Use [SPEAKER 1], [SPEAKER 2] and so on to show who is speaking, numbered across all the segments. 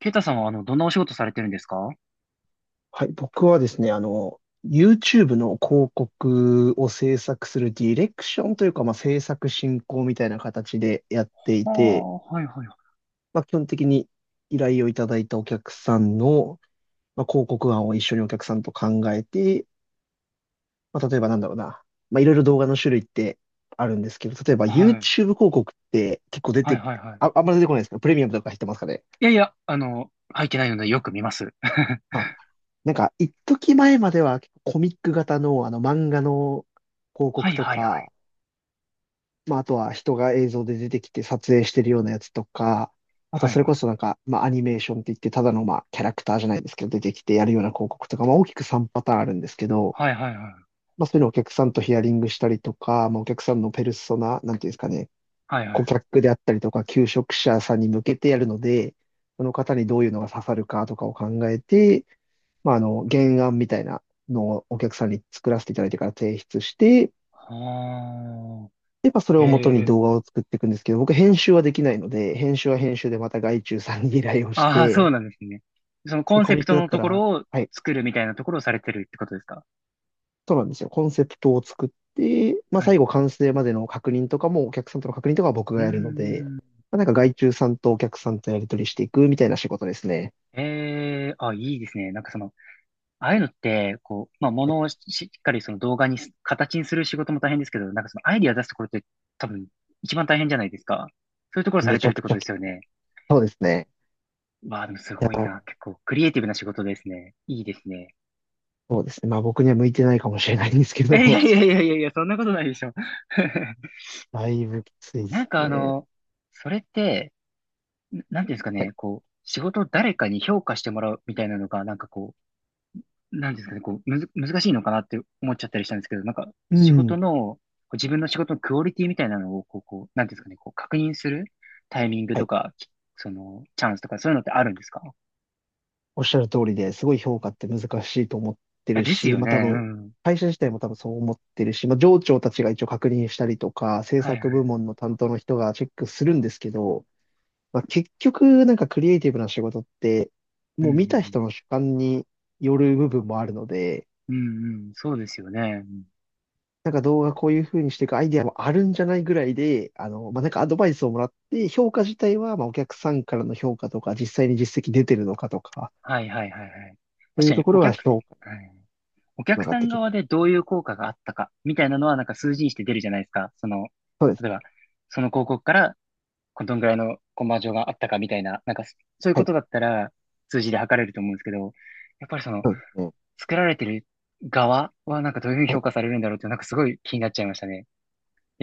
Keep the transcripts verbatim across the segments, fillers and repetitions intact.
[SPEAKER 1] ケイタさんは、あの、どんなお仕事されてるんですかは？
[SPEAKER 2] はい、僕はですね、あの、YouTube の広告を制作するディレクションというか、まあ、制作進行みたいな形でやってい
[SPEAKER 1] あ、
[SPEAKER 2] て、
[SPEAKER 1] はいはいはい。
[SPEAKER 2] まあ、基本的に依頼をいただいたお客さんの、まあ、広告案を一緒にお客さんと考えて、まあ、例えばなんだろうな、まあ、いろいろ動画の種類ってあるんですけど、例えば YouTube
[SPEAKER 1] はい。
[SPEAKER 2] 広告って結構出
[SPEAKER 1] はい
[SPEAKER 2] て、
[SPEAKER 1] はいは
[SPEAKER 2] あ、
[SPEAKER 1] い。
[SPEAKER 2] あんまり出てこないですか？プレミアムとか入ってますかね？
[SPEAKER 1] いやいや、あの、入ってないのでよく見ます。
[SPEAKER 2] なんか、一時前までは結構コミック型の、あの漫画の広
[SPEAKER 1] は
[SPEAKER 2] 告
[SPEAKER 1] い
[SPEAKER 2] と
[SPEAKER 1] はいはい。
[SPEAKER 2] か、まあ、あとは人が映像で出てきて撮影してるようなやつとか、あと
[SPEAKER 1] は
[SPEAKER 2] は
[SPEAKER 1] い
[SPEAKER 2] そ
[SPEAKER 1] は
[SPEAKER 2] れこそ
[SPEAKER 1] い。
[SPEAKER 2] なんか、まあ、アニメーションって言って、ただのまあ、キャラクターじゃないですけど、出てきてやるような広告とか、まあ、大きくさんパターンあるんですけど、
[SPEAKER 1] はいはいはい。
[SPEAKER 2] まあ、そういうのをお客さんとヒアリングしたりとか、まあ、お客さんのペルソナ、なんていうんですかね、
[SPEAKER 1] はいは
[SPEAKER 2] 顧
[SPEAKER 1] い。
[SPEAKER 2] 客であったりとか、求職者さんに向けてやるので、その方にどういうのが刺さるかとかを考えて、まあ、あの、原案みたいなのをお客さんに作らせていただいてから提出して、
[SPEAKER 1] はあ。
[SPEAKER 2] やっぱそれを元
[SPEAKER 1] え
[SPEAKER 2] に
[SPEAKER 1] え。
[SPEAKER 2] 動画を作っていくんですけど、僕編集はできないので、編集は編集でまた外注さんに依頼をし
[SPEAKER 1] ああ、そう
[SPEAKER 2] て、
[SPEAKER 1] なんですね。そのコ
[SPEAKER 2] で、
[SPEAKER 1] ン
[SPEAKER 2] コ
[SPEAKER 1] セ
[SPEAKER 2] ミ
[SPEAKER 1] プ
[SPEAKER 2] ッ
[SPEAKER 1] ト
[SPEAKER 2] クだっ
[SPEAKER 1] の
[SPEAKER 2] た
[SPEAKER 1] とこ
[SPEAKER 2] ら、
[SPEAKER 1] ろを
[SPEAKER 2] はい、
[SPEAKER 1] 作るみたいなところをされてるってことですか？
[SPEAKER 2] そうなんですよ。コンセプトを作って、まあ
[SPEAKER 1] は
[SPEAKER 2] 最
[SPEAKER 1] い。
[SPEAKER 2] 後完成までの確認とかも、お客さんとの確認とかは僕
[SPEAKER 1] う
[SPEAKER 2] がやるので、
[SPEAKER 1] ーん。
[SPEAKER 2] まあ、なんか外注さんとお客さんとやり取りしていくみたいな仕事ですね。
[SPEAKER 1] ええ、あ、いいですね。なんかその、ああいうのって、こう、まあ、ものをし、しっかりその動画にす、形にする仕事も大変ですけど、なんかそのアイディア出すところって多分一番大変じゃないですか。そういうところさ
[SPEAKER 2] め
[SPEAKER 1] れ
[SPEAKER 2] ち
[SPEAKER 1] てる
[SPEAKER 2] ゃ
[SPEAKER 1] っ
[SPEAKER 2] く
[SPEAKER 1] てこ
[SPEAKER 2] ち
[SPEAKER 1] と
[SPEAKER 2] ゃ
[SPEAKER 1] で
[SPEAKER 2] き、
[SPEAKER 1] すよね。
[SPEAKER 2] そうですね。
[SPEAKER 1] わあ、でもす
[SPEAKER 2] い
[SPEAKER 1] ごい
[SPEAKER 2] や、
[SPEAKER 1] な。結構クリエイティブな仕事ですね。いいですね。
[SPEAKER 2] そうですね。まあ僕には向いてないかもしれないんですけ
[SPEAKER 1] えいや
[SPEAKER 2] ど、
[SPEAKER 1] いやいやいやいや、そんなことないでしょ。
[SPEAKER 2] だいぶきついで
[SPEAKER 1] なん
[SPEAKER 2] す
[SPEAKER 1] かあ
[SPEAKER 2] ね。
[SPEAKER 1] の、それって、ななんていうんですか
[SPEAKER 2] はい。
[SPEAKER 1] ね、こう、仕事を誰かに評価してもらうみたいなのが、なんかこう、なんですかね、こう、むず、難しいのかなって思っちゃったりしたんですけど、なんか、
[SPEAKER 2] う
[SPEAKER 1] 仕事
[SPEAKER 2] ん。
[SPEAKER 1] の、こう自分の仕事のクオリティみたいなのを、こう、こう、なんていうんですかね、こう、確認するタイミング
[SPEAKER 2] は
[SPEAKER 1] と
[SPEAKER 2] い。
[SPEAKER 1] か、きその、チャンスとか、そういうのってあるんですか？
[SPEAKER 2] おっしゃる通りですごい評価って難しいと思って
[SPEAKER 1] あ
[SPEAKER 2] る
[SPEAKER 1] です
[SPEAKER 2] し、
[SPEAKER 1] よ
[SPEAKER 2] まあ
[SPEAKER 1] ね、
[SPEAKER 2] 多
[SPEAKER 1] う
[SPEAKER 2] 分、
[SPEAKER 1] ん。
[SPEAKER 2] 会社自体も多分そう思ってるし、まあ上長たちが一応確認したりとか、制
[SPEAKER 1] はいは
[SPEAKER 2] 作部
[SPEAKER 1] い。
[SPEAKER 2] 門の担当の人がチェックするんですけど、まあ結局なんかクリエイティブな仕事って、
[SPEAKER 1] う
[SPEAKER 2] もう見た
[SPEAKER 1] ん、
[SPEAKER 2] 人の主観による部分もあるので、
[SPEAKER 1] うん、うん、うんうん、そうですよね。うん
[SPEAKER 2] なんか動画こういう風にしていくアイディアもあるんじゃないぐらいで、あの、まあなんかアドバイスをもらって、評価自体はまあお客さんからの評価とか、実際に実績出てるのかとか、
[SPEAKER 1] はいはいはいはい。
[SPEAKER 2] そう
[SPEAKER 1] 確
[SPEAKER 2] い
[SPEAKER 1] か
[SPEAKER 2] う
[SPEAKER 1] に、
[SPEAKER 2] とこ
[SPEAKER 1] お
[SPEAKER 2] ろが
[SPEAKER 1] 客、
[SPEAKER 2] 評価に
[SPEAKER 1] はい、お
[SPEAKER 2] つな
[SPEAKER 1] 客
[SPEAKER 2] がっ
[SPEAKER 1] さ
[SPEAKER 2] て
[SPEAKER 1] ん
[SPEAKER 2] きま
[SPEAKER 1] 側で
[SPEAKER 2] す。
[SPEAKER 1] どういう効果があったか、みたいなのは、なんか数字にして出るじゃないですか。その、
[SPEAKER 2] そうです
[SPEAKER 1] 例え
[SPEAKER 2] ね。
[SPEAKER 1] ば、その広告からこどんぐらいのコンバージョンがあったかみたいな、なんかそそういう
[SPEAKER 2] は
[SPEAKER 1] こ
[SPEAKER 2] い。
[SPEAKER 1] とだったら数字で測れると思うんですけど、やっぱりその
[SPEAKER 2] そうですね。
[SPEAKER 1] 作られてる側はなんかどういうふうに
[SPEAKER 2] は
[SPEAKER 1] 評
[SPEAKER 2] い。
[SPEAKER 1] 価されるんだろうってなんかすごい気になっちゃいましたね。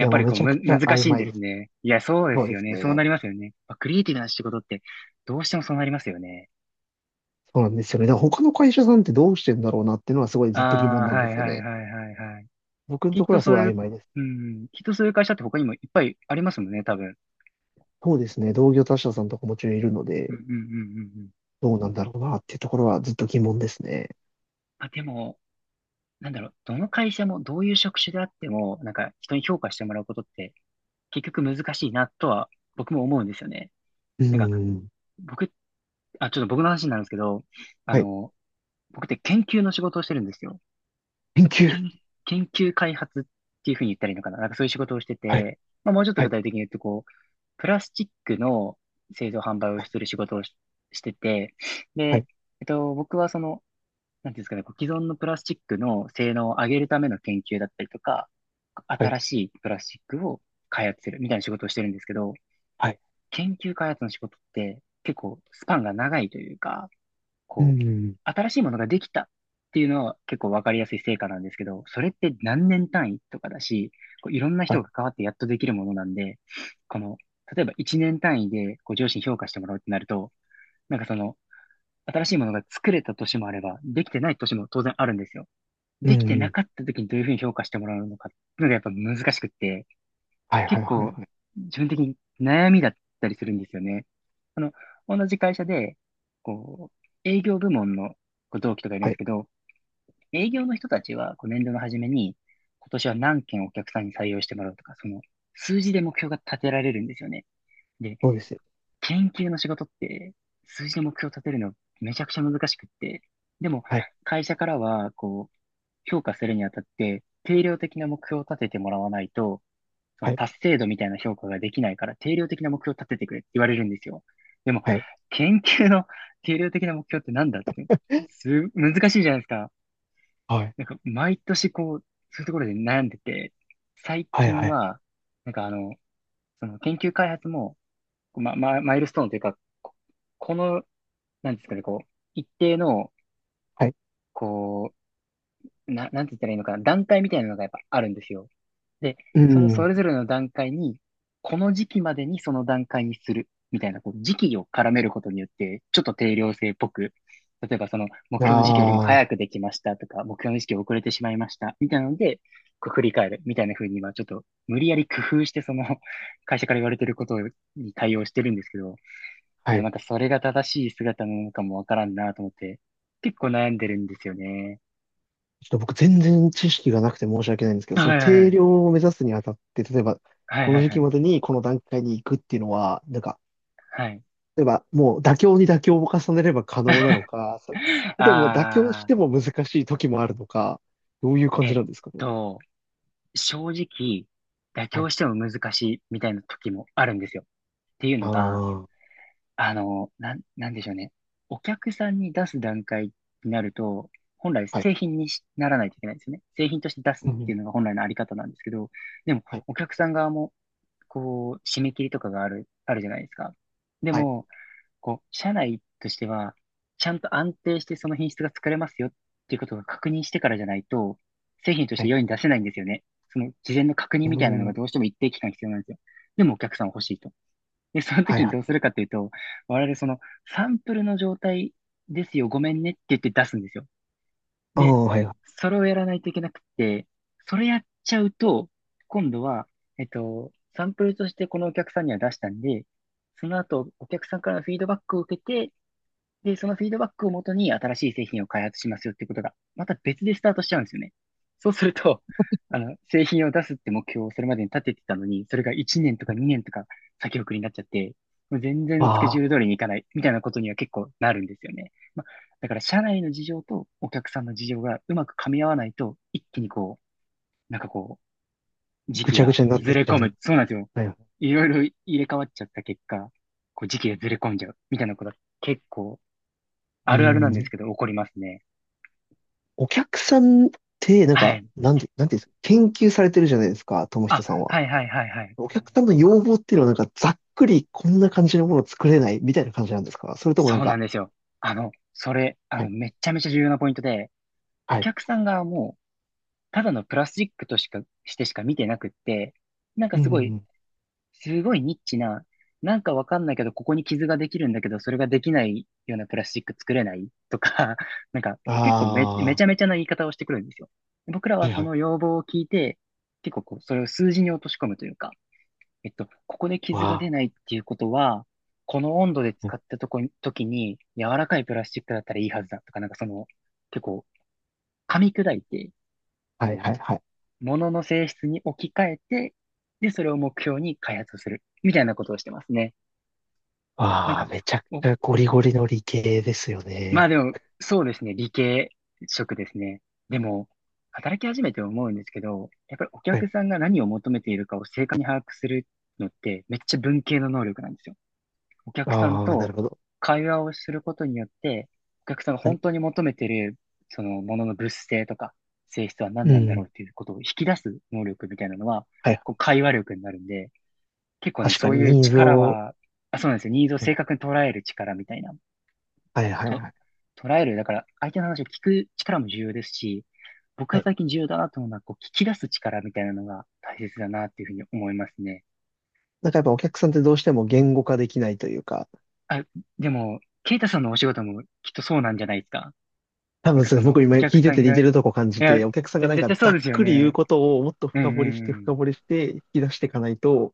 [SPEAKER 2] い
[SPEAKER 1] っ
[SPEAKER 2] や、
[SPEAKER 1] ぱ
[SPEAKER 2] もう
[SPEAKER 1] り
[SPEAKER 2] め
[SPEAKER 1] こう
[SPEAKER 2] ちゃく
[SPEAKER 1] む、
[SPEAKER 2] ちゃ
[SPEAKER 1] 難
[SPEAKER 2] 曖
[SPEAKER 1] しいん
[SPEAKER 2] 昧
[SPEAKER 1] で
[SPEAKER 2] で
[SPEAKER 1] す
[SPEAKER 2] す。
[SPEAKER 1] ね。いや、そうで
[SPEAKER 2] そう
[SPEAKER 1] す
[SPEAKER 2] で
[SPEAKER 1] よ
[SPEAKER 2] す
[SPEAKER 1] ね。そうな
[SPEAKER 2] ね。
[SPEAKER 1] りますよね。まあクリエイティブな仕事ってどうしてもそうなりますよね。
[SPEAKER 2] そうなんですよね。だから他の会社さんってどうしてんだろうなっていうのはすごい
[SPEAKER 1] あ
[SPEAKER 2] ずっと疑
[SPEAKER 1] あ、
[SPEAKER 2] 問なん
[SPEAKER 1] は
[SPEAKER 2] で
[SPEAKER 1] い
[SPEAKER 2] すよ
[SPEAKER 1] はいはい
[SPEAKER 2] ね。
[SPEAKER 1] はいはい。
[SPEAKER 2] 僕の
[SPEAKER 1] きっ
[SPEAKER 2] ところ
[SPEAKER 1] と
[SPEAKER 2] はす
[SPEAKER 1] そ
[SPEAKER 2] ご
[SPEAKER 1] う
[SPEAKER 2] い
[SPEAKER 1] い
[SPEAKER 2] 曖
[SPEAKER 1] う、
[SPEAKER 2] 昧です。
[SPEAKER 1] うん、きっとそういう会社って他にもいっぱいありますもんね、多分。
[SPEAKER 2] そうですね。同業他社さんとかもちろんいるの
[SPEAKER 1] うん
[SPEAKER 2] で、
[SPEAKER 1] うんうんうんうん。
[SPEAKER 2] どうなんだろうなっていうところはずっと疑問ですね。
[SPEAKER 1] まあ、でも、なんだろう、どの会社もどういう職種であっても、なんか人に評価してもらうことって結局難しいなとは僕も思うんですよね。
[SPEAKER 2] うー
[SPEAKER 1] なんか
[SPEAKER 2] ん。
[SPEAKER 1] 僕、あ、ちょっと僕の話になるんですけど、あ
[SPEAKER 2] はい。
[SPEAKER 1] の、僕って研究の仕事をしてるんですよ。
[SPEAKER 2] 研究。
[SPEAKER 1] 研、研究開発っていうふうに言ったらいいのかな。なんかそういう仕事をして
[SPEAKER 2] はい。
[SPEAKER 1] て、まあ、もうちょっと
[SPEAKER 2] は
[SPEAKER 1] 具
[SPEAKER 2] い。
[SPEAKER 1] 体的に言うと、こう、プラスチックの製造販売を
[SPEAKER 2] は
[SPEAKER 1] する仕事をし、してて、
[SPEAKER 2] い。
[SPEAKER 1] で、えっと、僕はその、なんていうんですかね、こう既存のプラスチックの性能を上げるための研究だったりとか、
[SPEAKER 2] はい。
[SPEAKER 1] 新しいプラスチックを開発するみたいな仕事をしてるんですけど、
[SPEAKER 2] はい。
[SPEAKER 1] 研究開発の仕事って結構スパンが長いというか、
[SPEAKER 2] うー
[SPEAKER 1] こう、
[SPEAKER 2] ん。
[SPEAKER 1] 新しいものができたっていうのは結構わかりやすい成果なんですけど、それって何年単位とかだし、こういろんな
[SPEAKER 2] は
[SPEAKER 1] 人
[SPEAKER 2] い。
[SPEAKER 1] が関わってやっとできるものなんで、この、例えばいちねん単位でこう上司に評価してもらうってなると、なんかその、新しいものが作れた年もあれば、できてない年も当然あるんですよ。
[SPEAKER 2] うー
[SPEAKER 1] できてな
[SPEAKER 2] ん。
[SPEAKER 1] かった時にどういうふうに評価してもらうのかっていうのがやっぱ難しくって、
[SPEAKER 2] はい。は
[SPEAKER 1] 結
[SPEAKER 2] い。はい。
[SPEAKER 1] 構
[SPEAKER 2] はい。
[SPEAKER 1] 自分的に悩みだったりするんですよね。あの、同じ会社で、こう、営業部門のこう同期とかいるん
[SPEAKER 2] は
[SPEAKER 1] です
[SPEAKER 2] い。
[SPEAKER 1] けど、営業の人たちはこう年度の初めに、今年は何件お客さんに採用してもらうとか、その数字で目標が立てられるんですよね。で、
[SPEAKER 2] そうですよ。
[SPEAKER 1] 研究の仕事って数字で目標を立てるのめちゃくちゃ難しくって、でも
[SPEAKER 2] はい。
[SPEAKER 1] 会社からは、こう、評価するにあたって、定量的な目標を立ててもらわないと、その
[SPEAKER 2] はい。
[SPEAKER 1] 達成度みたいな評価ができないから、定量的な目標を立ててくれって言われるんですよ。でも、
[SPEAKER 2] はい。
[SPEAKER 1] 研究の定量的な目標ってなんだって、す、難しいじゃないですか。
[SPEAKER 2] はい。
[SPEAKER 1] なんか、毎年こう、そういうところで悩んでて、最
[SPEAKER 2] はい。
[SPEAKER 1] 近
[SPEAKER 2] はい。
[SPEAKER 1] は、なんかあの、その研究開発も、ま、ま、マイルストーンというか、ここの、なんですかね、こう、一定の、
[SPEAKER 2] はい。
[SPEAKER 1] こう、な、なんて言ったらいいのかな、段階みたいなのがやっぱあるんですよ。で、
[SPEAKER 2] うー
[SPEAKER 1] そのそ
[SPEAKER 2] ん。
[SPEAKER 1] れぞれの段階に、この時期までにその段階にする、みたいな、こう、時期を絡めることによって、ちょっと定量性っぽく、例えばその、目
[SPEAKER 2] あ
[SPEAKER 1] 標の時期よりも早く
[SPEAKER 2] あ。
[SPEAKER 1] できましたとか、目標の時期遅れてしまいました、みたいなので、こう振り返る、みたいな風に今、ちょっと、無理やり工夫して、その、会社から言われてることに対応してるんですけど、で
[SPEAKER 2] は
[SPEAKER 1] もな
[SPEAKER 2] い。
[SPEAKER 1] んかそれが正しい姿なのかもわからんなと思って、結構悩んでるんですよね。
[SPEAKER 2] ちょっと僕全然知識がなくて申し訳ないんですけど、
[SPEAKER 1] は
[SPEAKER 2] その
[SPEAKER 1] いはい
[SPEAKER 2] 定
[SPEAKER 1] はい。
[SPEAKER 2] 量を目指すにあたって、例えば、
[SPEAKER 1] はい
[SPEAKER 2] こ
[SPEAKER 1] は
[SPEAKER 2] の
[SPEAKER 1] い
[SPEAKER 2] 時
[SPEAKER 1] は
[SPEAKER 2] 期ま
[SPEAKER 1] い。
[SPEAKER 2] でにこの段階に行くっていうのは、なんか、
[SPEAKER 1] はい。
[SPEAKER 2] 例えばもう妥協に妥協を重ねれば可能なのか、そそれとももう妥協し
[SPEAKER 1] あ
[SPEAKER 2] ても難しい時もあるのか、どういう感
[SPEAKER 1] え
[SPEAKER 2] じ
[SPEAKER 1] っ
[SPEAKER 2] なんですかね？
[SPEAKER 1] と、正直、妥
[SPEAKER 2] はい。
[SPEAKER 1] 協しても難しいみたいな時もあるんですよ。っていう
[SPEAKER 2] あ
[SPEAKER 1] のが、
[SPEAKER 2] あ、
[SPEAKER 1] あの、なん、なんでしょうね。お客さんに出す段階になると、本来
[SPEAKER 2] はい。
[SPEAKER 1] 製品にしならないといけないんですよね。製品として出すっ
[SPEAKER 2] う
[SPEAKER 1] てい
[SPEAKER 2] ん。
[SPEAKER 1] うのが本来のあり方なんですけど、でも、
[SPEAKER 2] はい。
[SPEAKER 1] お客さん側も、こう、締め切りとかがある、あるじゃないですか。で
[SPEAKER 2] はい。
[SPEAKER 1] も、こう、社内としては、ちゃんと安定してその品質が作れますよっていうことが確認してからじゃないと、製品とし
[SPEAKER 2] は
[SPEAKER 1] て
[SPEAKER 2] い。
[SPEAKER 1] 世に出せないんですよね。その事前の確認
[SPEAKER 2] う
[SPEAKER 1] みたいなのが
[SPEAKER 2] ん。
[SPEAKER 1] どうしても一定期間必要なんですよ。でもお客さんは欲しいと。で、その
[SPEAKER 2] はい
[SPEAKER 1] 時に
[SPEAKER 2] は
[SPEAKER 1] ど
[SPEAKER 2] い。
[SPEAKER 1] うするかっていうと、我々そのサンプルの状態ですよ、ごめんねって言って出すんですよ。
[SPEAKER 2] あ
[SPEAKER 1] で、
[SPEAKER 2] あ、はいはい。
[SPEAKER 1] それをやらないといけなくて、それやっちゃうと、今度は、えっと、サンプルとしてこのお客さんには出したんで、その後、お客さんからのフィードバックを受けて、で、そのフィードバックをもとに新しい製品を開発しますよってことが、また別でスタートしちゃうんですよね。そうすると、あの、製品を出すって目標をそれまでに立ててたのに、それがいちねんとかにねんとか先送りになっちゃって、もう全然スケジ
[SPEAKER 2] あ
[SPEAKER 1] ュ
[SPEAKER 2] あ、
[SPEAKER 1] ール通りにいかないみたいなことには結構なるんですよね。まあ、だから社内の事情とお客さんの事情がうまく噛み合わないと、一気にこう、なんかこう、時
[SPEAKER 2] ぐ
[SPEAKER 1] 期
[SPEAKER 2] ちゃぐ
[SPEAKER 1] が
[SPEAKER 2] ちゃになっ
[SPEAKER 1] ず
[SPEAKER 2] てっ
[SPEAKER 1] れ
[SPEAKER 2] ちゃ
[SPEAKER 1] 込
[SPEAKER 2] う。
[SPEAKER 1] む。そうなんですよ。
[SPEAKER 2] はいは
[SPEAKER 1] いろいろ入れ替わっちゃった結果、こう時期がずれ込んじゃうみたいなことが結構
[SPEAKER 2] い。
[SPEAKER 1] あ
[SPEAKER 2] う
[SPEAKER 1] るあるなんです
[SPEAKER 2] ん。
[SPEAKER 1] けど、怒りますね。
[SPEAKER 2] お客さんって、なん
[SPEAKER 1] は
[SPEAKER 2] か、
[SPEAKER 1] い。
[SPEAKER 2] なんで、なんていうんですか、研究されてるじゃないですか、友人
[SPEAKER 1] あ、
[SPEAKER 2] さんは。
[SPEAKER 1] はいはいはいはい。
[SPEAKER 2] お客さんの要望っていうのは、なんか、ざっくりこんな感じのものを作れないみたいな感じなんですか？それともなん
[SPEAKER 1] そうなん
[SPEAKER 2] か、
[SPEAKER 1] ですよ。あの、それ、あ
[SPEAKER 2] は
[SPEAKER 1] の、
[SPEAKER 2] い、
[SPEAKER 1] めっちゃめちゃ重要なポイントで、お
[SPEAKER 2] はい、
[SPEAKER 1] 客さんがもう、ただのプラスチックとしか、してしか見てなくって、なんか
[SPEAKER 2] う
[SPEAKER 1] す
[SPEAKER 2] ん、
[SPEAKER 1] ご
[SPEAKER 2] う
[SPEAKER 1] い、
[SPEAKER 2] ん
[SPEAKER 1] すごいニッチな、なんかわかんないけど、ここに傷ができるんだけど、それができないようなプラスチック作れないとか、なんか結構め、め
[SPEAKER 2] あ
[SPEAKER 1] ちゃめちゃな言い方をしてくるんですよ。僕ら
[SPEAKER 2] あ、
[SPEAKER 1] は
[SPEAKER 2] はいは
[SPEAKER 1] そ
[SPEAKER 2] いうん
[SPEAKER 1] の要望を聞いて、結構こう、それを数字に落とし込むというか、えっと、ここで
[SPEAKER 2] んあ
[SPEAKER 1] 傷が
[SPEAKER 2] あ
[SPEAKER 1] 出
[SPEAKER 2] は
[SPEAKER 1] ない
[SPEAKER 2] い
[SPEAKER 1] っていうことは、この温度で
[SPEAKER 2] はいわ
[SPEAKER 1] 使っ
[SPEAKER 2] あ、
[SPEAKER 1] たとこに、時に柔らかいプラスチックだったらいいはずだとか、なんかその、結構噛み砕いて、
[SPEAKER 2] はい
[SPEAKER 1] こ
[SPEAKER 2] は
[SPEAKER 1] う、
[SPEAKER 2] いはい。
[SPEAKER 1] 物の性質に置き換えて、で、それを目標に開発をする、みたいなことをしてますね。なん
[SPEAKER 2] ああ、
[SPEAKER 1] か、
[SPEAKER 2] めちゃく
[SPEAKER 1] お、
[SPEAKER 2] ちゃゴリゴリの理系ですよ
[SPEAKER 1] まあ
[SPEAKER 2] ね。
[SPEAKER 1] でも、そうですね、理系職ですね。でも、働き始めて思うんですけど、やっぱりお
[SPEAKER 2] は
[SPEAKER 1] 客
[SPEAKER 2] い。
[SPEAKER 1] さんが何を求めているかを正確に把握するのって、めっちゃ文系の能力なんですよ。お客さん
[SPEAKER 2] ああ、なる
[SPEAKER 1] と
[SPEAKER 2] ほど。
[SPEAKER 1] 会話をすることによって、お客さんが
[SPEAKER 2] は
[SPEAKER 1] 本
[SPEAKER 2] い。
[SPEAKER 1] 当に求めてる、そのものの物性とか性質は何
[SPEAKER 2] う
[SPEAKER 1] なんだろう
[SPEAKER 2] ん。
[SPEAKER 1] っていうことを引き出す能力みたいなのは、
[SPEAKER 2] はい。
[SPEAKER 1] こう会話力になるんで、結構ね、
[SPEAKER 2] 確か
[SPEAKER 1] そうい
[SPEAKER 2] に
[SPEAKER 1] う
[SPEAKER 2] ニーズ
[SPEAKER 1] 力
[SPEAKER 2] を。
[SPEAKER 1] は、あ、そうなんですよ。ニーズを正確に捉える力みたいな。
[SPEAKER 2] はいはいはい。
[SPEAKER 1] と、
[SPEAKER 2] はい。
[SPEAKER 1] 捉える、だから相手の話を聞く力も重要ですし、僕
[SPEAKER 2] は
[SPEAKER 1] が
[SPEAKER 2] い。
[SPEAKER 1] 最近重要だなと思うのは、こう聞き出す力みたいなのが大切だなっていうふうに思いますね。
[SPEAKER 2] なんかやっぱお客さんってどうしても言語化できないというか、
[SPEAKER 1] あ、でも、ケイタさんのお仕事もきっとそうなんじゃないですか。
[SPEAKER 2] 多
[SPEAKER 1] なん
[SPEAKER 2] 分
[SPEAKER 1] か
[SPEAKER 2] そ
[SPEAKER 1] そ
[SPEAKER 2] れ
[SPEAKER 1] の、
[SPEAKER 2] 僕今
[SPEAKER 1] お客
[SPEAKER 2] 聞いて
[SPEAKER 1] さ
[SPEAKER 2] て
[SPEAKER 1] ん
[SPEAKER 2] 似
[SPEAKER 1] が、
[SPEAKER 2] て
[SPEAKER 1] い
[SPEAKER 2] るとこ感じ
[SPEAKER 1] や、
[SPEAKER 2] て、お客さんがなん
[SPEAKER 1] 絶
[SPEAKER 2] か
[SPEAKER 1] 対そ
[SPEAKER 2] ざ
[SPEAKER 1] う
[SPEAKER 2] っ
[SPEAKER 1] ですよ
[SPEAKER 2] くり言う
[SPEAKER 1] ね。
[SPEAKER 2] ことをもっと
[SPEAKER 1] うん
[SPEAKER 2] 深
[SPEAKER 1] う
[SPEAKER 2] 掘り
[SPEAKER 1] ん
[SPEAKER 2] して
[SPEAKER 1] うん。
[SPEAKER 2] 深掘りして引き出していかないと、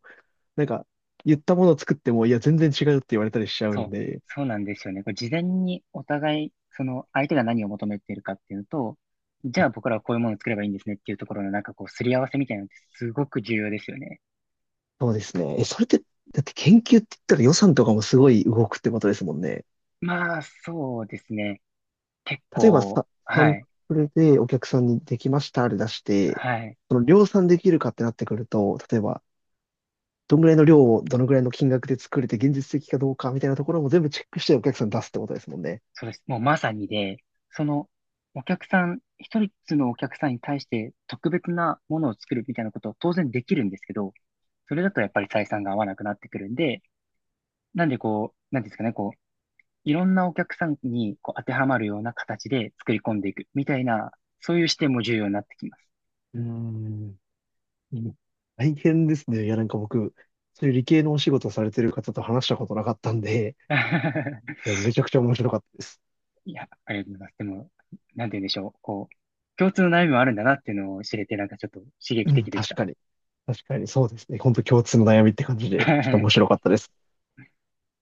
[SPEAKER 2] なんか言ったものを作っても、いや全然違うって言われたりしちゃう
[SPEAKER 1] そ
[SPEAKER 2] ん
[SPEAKER 1] う。
[SPEAKER 2] で、
[SPEAKER 1] そうなんですよね。これ事前にお互い、その、相手が何を求めているかっていうのと、じゃあ僕らはこういうものを作ればいいんですねっていうところのなんかこう、すり合わせみたいなのってすごく重要ですよね。
[SPEAKER 2] そうですね。え、それって、だって研究って言ったら予算とかもすごい動くってことですもんね。
[SPEAKER 1] まあ、そうですね。結
[SPEAKER 2] 例えば
[SPEAKER 1] 構、
[SPEAKER 2] さ、サ
[SPEAKER 1] は
[SPEAKER 2] ン
[SPEAKER 1] い。
[SPEAKER 2] プルでお客さんにできましたで出して、
[SPEAKER 1] はい。
[SPEAKER 2] その量産できるかってなってくると、例えば、どんぐらいの量をどのぐらいの金額で作れて現実的かどうかみたいなところも全部チェックしてお客さんに出すってことですもんね。
[SPEAKER 1] そうです。もうまさにで、そのお客さん、ひとりのお客さんに対して特別なものを作るみたいなことは当然できるんですけど、それだとやっぱり採算が合わなくなってくるんで、なんでこう、なんていうんですかね、こう、いろんなお客さんにこう当てはまるような形で作り込んでいくみたいな、そういう視点も重要になってきます。
[SPEAKER 2] うーん。大変ですね。いや、なんか僕、そういう理系のお仕事されてる方と話したことなかったんで、い や、めちゃくちゃ面白かったです。
[SPEAKER 1] いや、ありがとうございます。でも、なんて言うんでしょう。こう、共通の悩みもあるんだなっていうのを知れて、なんかちょっと刺激
[SPEAKER 2] うん、
[SPEAKER 1] 的でし
[SPEAKER 2] 確
[SPEAKER 1] た。
[SPEAKER 2] かに。確かに、そうですね。本当共通の悩みって感じで、ちょっと面 白かったです。